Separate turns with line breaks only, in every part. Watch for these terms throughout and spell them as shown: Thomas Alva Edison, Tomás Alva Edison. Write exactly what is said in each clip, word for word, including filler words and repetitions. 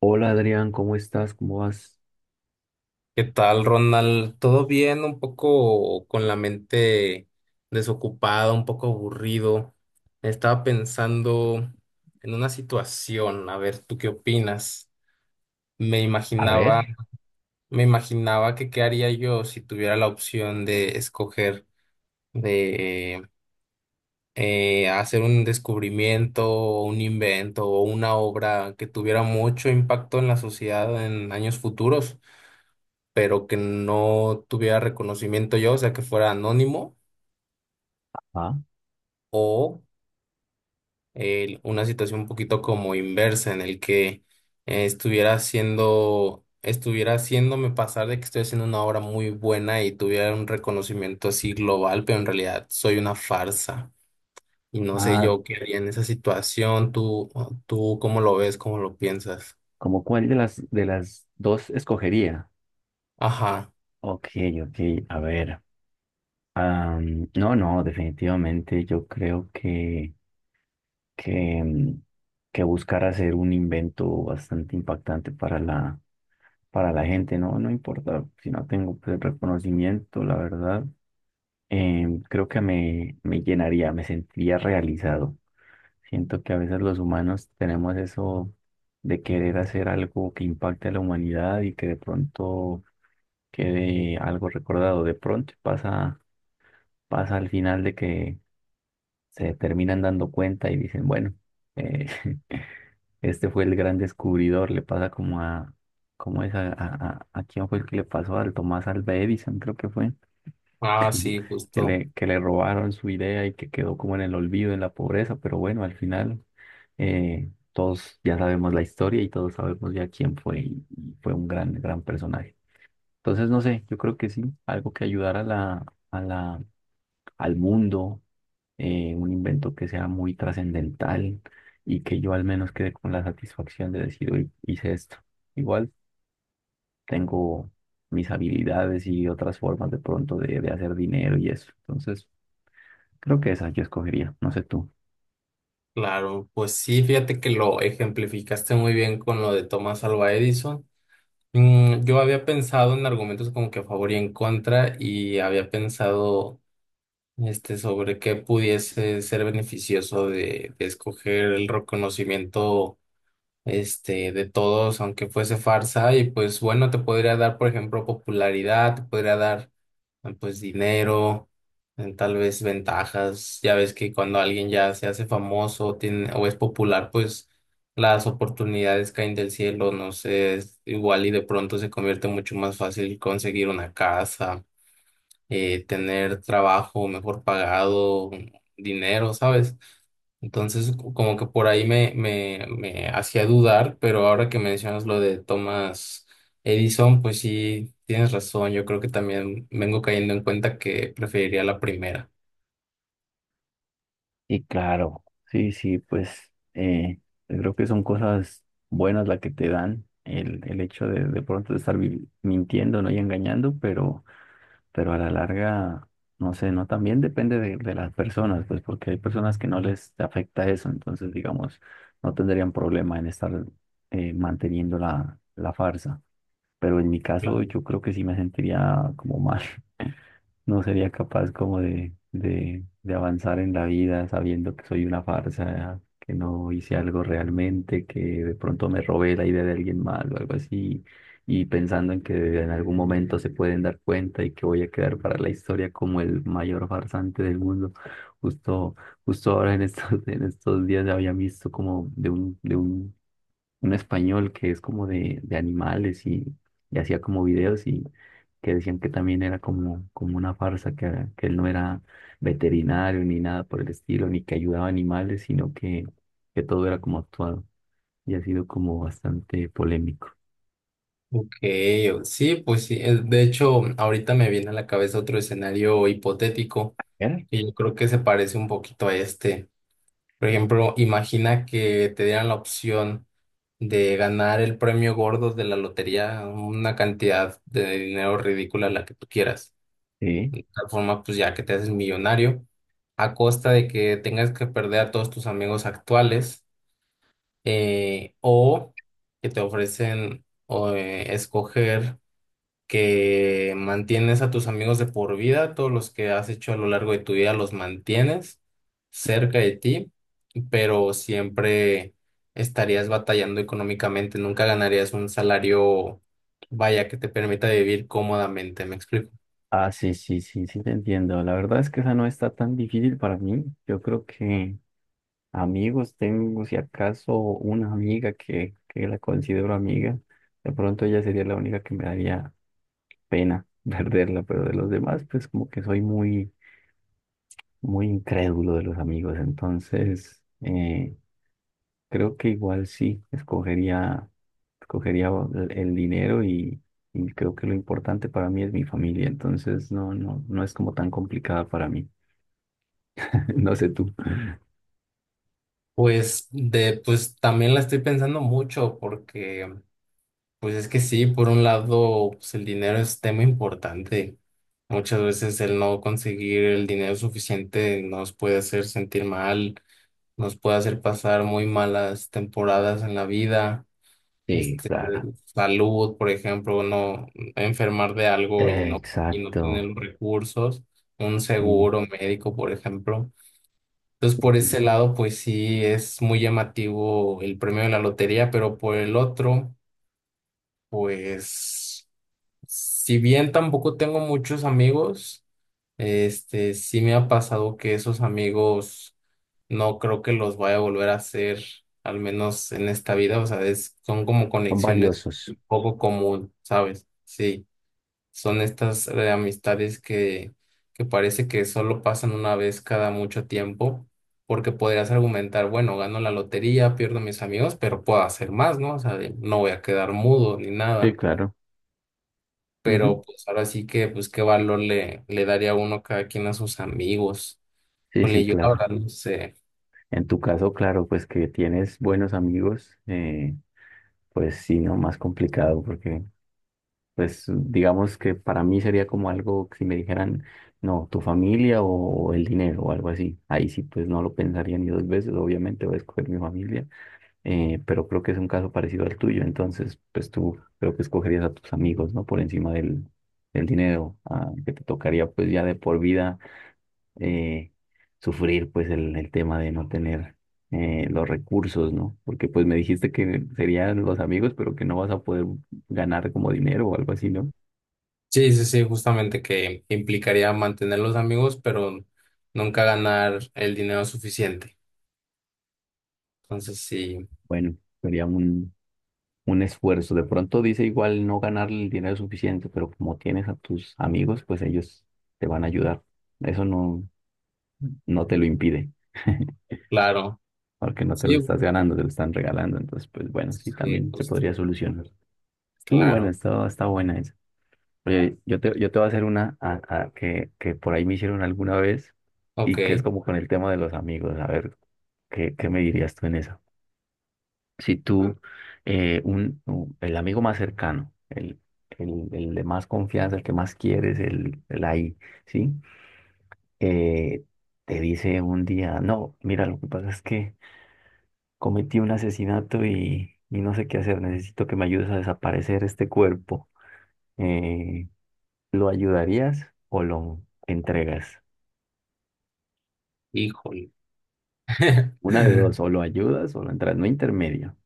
Hola Adrián, ¿cómo estás? ¿Cómo vas?
¿Qué tal, Ronald? ¿Todo bien? Un poco con la mente desocupada, un poco aburrido. Estaba pensando en una situación, a ver, ¿tú qué opinas? Me
A
imaginaba,
ver.
me imaginaba que qué haría yo si tuviera la opción de escoger de eh, hacer un descubrimiento, o un invento o una obra que tuviera mucho impacto en la sociedad en años futuros, pero que no tuviera reconocimiento yo, o sea, que fuera anónimo.
ah,
O eh, Una situación un poquito como inversa en el que eh, estuviera haciendo, estuviera haciéndome pasar de que estoy haciendo una obra muy buena y tuviera un reconocimiento así global, pero en realidad soy una farsa. Y no sé
Ah,
yo qué haría en esa situación, tú, tú cómo lo ves, cómo lo piensas.
¿cómo cuál de las de las dos escogería?
Ajá.
Ok, ok, a ver. Am, no, no, definitivamente yo creo que, que, mm, que buscar hacer un invento bastante impactante para la, para la gente. No, no importa si no tengo, pues, el reconocimiento. La verdad, em, creo que me, me llenaría, me sentiría realizado. Siento que a veces los humanos tenemos eso de querer hacer algo que impacte a la humanidad y que de pronto quede algo recordado. De pronto pasa, pasa al final de que se terminan dando cuenta y dicen, bueno, eh, este fue el gran descubridor. Le pasa como a, ¿cómo es? A, a, a- ¿a quién fue el que le pasó? Al Tomás Alva Edison, creo que fue.
Ah,
Ujú.
sí,
Que
justo.
le, que le robaron su idea y que quedó como en el olvido, en la pobreza, pero bueno, al final eh, todos ya sabemos la historia y todos sabemos ya quién fue y, y fue un gran, gran personaje. Entonces, no sé, yo creo que sí, algo que ayudara a la, a la, al mundo, eh, un invento que sea muy trascendental y que yo al menos quede con la satisfacción de decir, hoy hice esto. Igual tengo mis habilidades y otras formas de pronto de, de hacer dinero y eso. Entonces, creo que esa yo escogería, no sé tú.
Claro, pues sí, fíjate que lo ejemplificaste muy bien con lo de Thomas Alva Edison. Mm, yo había pensado en argumentos como que a favor y en contra, y había pensado, este, sobre qué pudiese ser beneficioso de, de escoger el reconocimiento, este, de todos, aunque fuese farsa, y pues bueno, te podría dar, por ejemplo, popularidad, te podría dar, eh, pues, dinero, eh, tal vez ventajas. Ya ves que cuando alguien ya se hace famoso tiene, o es popular, pues las oportunidades caen del cielo, no sé, es igual y de pronto se convierte mucho más fácil conseguir una casa, eh, tener trabajo mejor pagado, dinero, ¿sabes? Entonces, co- como que por ahí me, me, me hacía dudar, pero ahora que mencionas lo de Thomas Edison, pues sí, tienes razón. Yo creo que también vengo cayendo en cuenta que preferiría la primera.
Y claro, sí, sí, pues eh, yo creo que son cosas buenas las que te dan el, el hecho de de pronto estar vi- mintiendo, ¿no?, y engañando, pero, pero a la larga, no sé, ¿no? También depende de, de las personas, pues porque hay personas que no les afecta eso. Entonces, digamos, no tendrían problema en estar eh, manteniendo la, la farsa. Pero en mi caso,
Claro.
yo creo que sí me sentiría como mal. No sería capaz como de, de, de avanzar en la vida sabiendo que soy una farsa, que no hice algo realmente, que de pronto me robé la idea de alguien más o algo así, y pensando en que en algún momento se pueden dar cuenta y que voy a quedar para la historia como el mayor farsante del mundo. Justo, Justo ahora en estos, en estos días había visto como de de un de un un español que es como de, de animales, y, y hacía como videos, y que decían que también era como, como una farsa, que, ah, que él no era veterinario ni nada por el estilo, ni que ayudaba a animales, sino que, que todo era como actuado y ha sido como bastante polémico.
Ok, o- sí, pues sí. eh, De hecho, ahorita me viene a la cabeza otro escenario hipotético
¿Era?
y yo creo que se parece un poquito a este. Por ejemplo, imagina que te dieran la opción de ganar el premio gordo de la lotería, una cantidad de dinero ridícula, la que tú quieras.
Sí.
De tal forma, pues ya que te haces millonario, a costa de que tengas que perder a todos tus amigos actuales, eh, o que te ofrecen o, eh, escoger que mantienes a tus amigos de por vida, todos los que has hecho a lo largo de tu vida los mantienes cerca de ti, pero siempre estarías batallando económicamente, nunca ganarías un salario, vaya, que te permita vivir cómodamente, ¿me explico?
Ah, sí, sí, sí, sí, te entiendo. La verdad es que esa no está tan difícil para mí. Yo creo que amigos tengo, si acaso, una amiga que, que la considero amiga. De pronto ella sería la única que me daría pena perderla, pero de los demás, pues como que soy muy, muy incrédulo de los amigos. Entonces, eh, creo que igual sí, escogería, escogería el el dinero, y, y creo que lo importante para mí es mi familia. Entonces, no, no, no es como tan complicada para mí. No sé tú.
Pues de, pues también la estoy pensando mucho porque pues es que sí, por un lado, pues el dinero es tema importante. Muchas veces el no conseguir el dinero suficiente nos puede hacer sentir mal, nos puede hacer pasar muy malas temporadas en la vida.
Sí,
Este,
claro.
salud, por ejemplo, no enfermar de algo y
Eh,
no y no tener
exacto.
los recursos, un
Sí,
seguro médico, por ejemplo. Entonces,
sí,
por
sí.
ese lado, pues sí es muy llamativo el premio de la lotería, pero por el otro, pues si bien tampoco tengo muchos amigos, este, sí me ha pasado que esos amigos no creo que los vaya a volver a hacer, al menos en esta vida. O sea, es- son como
Son
conexiones
valiosos.
poco común, ¿sabes? Sí, son estas eh, amistades que, que parece que solo pasan una vez cada mucho tiempo, porque podrías argumentar, bueno, gano la lotería, pierdo mis amigos, pero puedo hacer más, ¿no? O sea, de- no voy a quedar mudo ni
Sí,
nada,
claro. Ujú.
pero pues ahora sí que, pues qué valor le, le daría uno cada quien a sus amigos.
Sí, sí,
Híjole, yo la
claro.
verdad no sé.
En tu caso, claro, pues que tienes buenos amigos, eh, pues sí, no, más complicado porque, pues digamos que para mí sería como algo que si me dijeran, no, tu familia o, o el dinero o algo así. Ahí sí, pues no lo pensaría ni dos veces, obviamente voy a escoger mi familia. Eh, pero creo que es un caso parecido al tuyo. Entonces, pues tú creo que escogerías a tus amigos, ¿no?, por encima del, del dinero, ah, que te tocaría pues ya de por vida eh, sufrir pues el, el tema de no tener eh, los recursos, ¿no? Porque pues me dijiste que serían los amigos, pero que no vas a poder ganar como dinero o algo así, ¿no?
Sí, sí, sí, justamente que implicaría mantener los amigos, pero nunca ganar el dinero suficiente. Entonces, sí,
Bueno, sería un, un esfuerzo. De pronto dice igual no ganar el dinero suficiente, pero como tienes a tus amigos, pues ellos te van a ayudar. Eso no, no te lo impide,
claro.
porque no te
Sí,
lo estás ganando, te lo están regalando. Entonces, pues bueno, sí,
sí,
también se
pues
podría solucionar. Estuvo bueno,
claro.
está, está buena esa. Oye, yo te, yo te voy a hacer una a- a- que, que por ahí me hicieron alguna vez
Ok,
y que es como con el tema de los amigos. A ver, ¿qué, ¿qué me dirías tú en eso? Si tú, eh, un, un- el amigo más cercano, el, el, el de más confianza, el que más quieres, el, el ahí, ¿sí? Eh, te dice un día, no, mira, lo que pasa es que cometí un asesinato, y, y no sé qué hacer, necesito que me ayudes a desaparecer este cuerpo. Eh, ¿Lo ayudarías o lo entregas?
híjole.
Una de dos, o lo ayudas o lo entregas, no intermedio,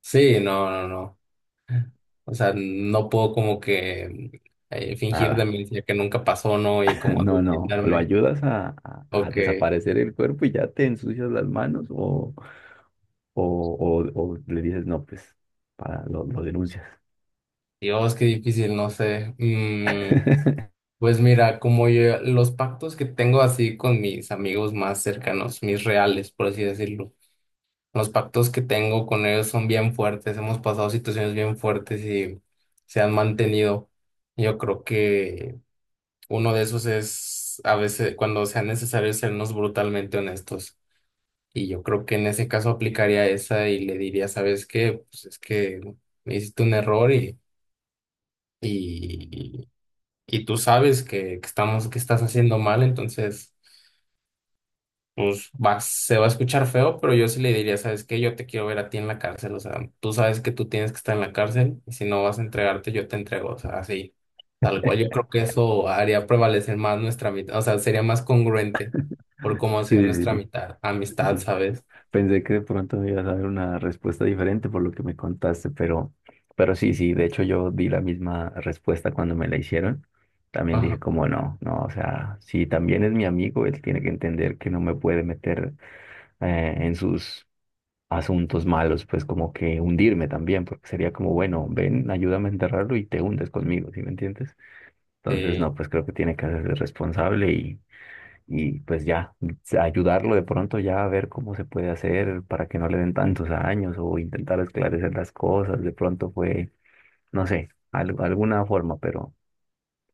Sí, no, no, no. O sea, no puedo como que eh, fingir de
nada.
mí que nunca pasó, ¿no? Y como
No, no, o lo
adultarme.
ayudas a, a- a
Ok.
desaparecer el cuerpo y ya te ensucias las manos, o, o, o- o le dices, no, pues, para, lo, lo denuncias.
Dios, qué difícil, no sé. Mm, pues mira, como yo, los pactos que tengo así con mis amigos más cercanos, mis reales, por así decirlo, los pactos que tengo con ellos son bien fuertes, hemos pasado situaciones bien fuertes y se han mantenido. Yo creo que uno de esos es a veces cuando sea necesario sernos brutalmente honestos. Y yo creo que en ese caso aplicaría esa y le diría, ¿sabes qué? Pues es que hiciste un error y... Y, y tú sabes que, que estamos, que estás haciendo mal, entonces, pues va, se va a escuchar feo, pero yo sí le diría, ¿sabes qué? Yo te quiero ver a ti en la cárcel, o sea, tú sabes que tú tienes que estar en la cárcel y si no vas a entregarte, yo te entrego, o sea, así, tal cual. Yo creo que eso haría prevalecer más nuestra mitad, o sea, sería más congruente por cómo ha sido
Sí,
nuestra
sí,
mitad,
sí,
amistad,
sí.
¿sabes?
Pensé que de pronto me ibas a dar una respuesta diferente por lo que me contaste, pero, pero sí, sí, de hecho yo di la misma respuesta cuando me la hicieron. También dije
Ajá.
como no, no, o sea, si también es mi amigo, él tiene que entender que no me puede meter eh, en sus asuntos malos, pues como que hundirme también, porque sería como, bueno, ven, ayúdame a enterrarlo y te hundes conmigo, ¿sí me entiendes? Entonces, no,
Sí,
pues creo que tiene que hacerse responsable y pues ya ayudarlo de pronto ya a ver cómo se puede hacer para que no le den tantos años, o intentar esclarecer las cosas, de pronto fue, no sé, al- alguna forma, pero,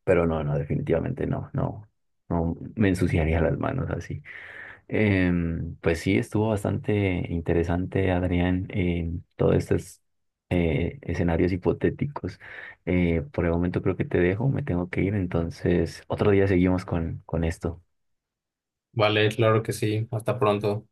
pero no, no, definitivamente no, no, no me ensuciaría las manos así. Em, pues sí, estuvo bastante interesante, Adrián. Em, todos estos eh, escenarios hipotéticos. Eh, por el momento creo que te dejo, me tengo que ir. Entonces otro día seguimos con, con esto.
vale, claro que sí, hasta pronto.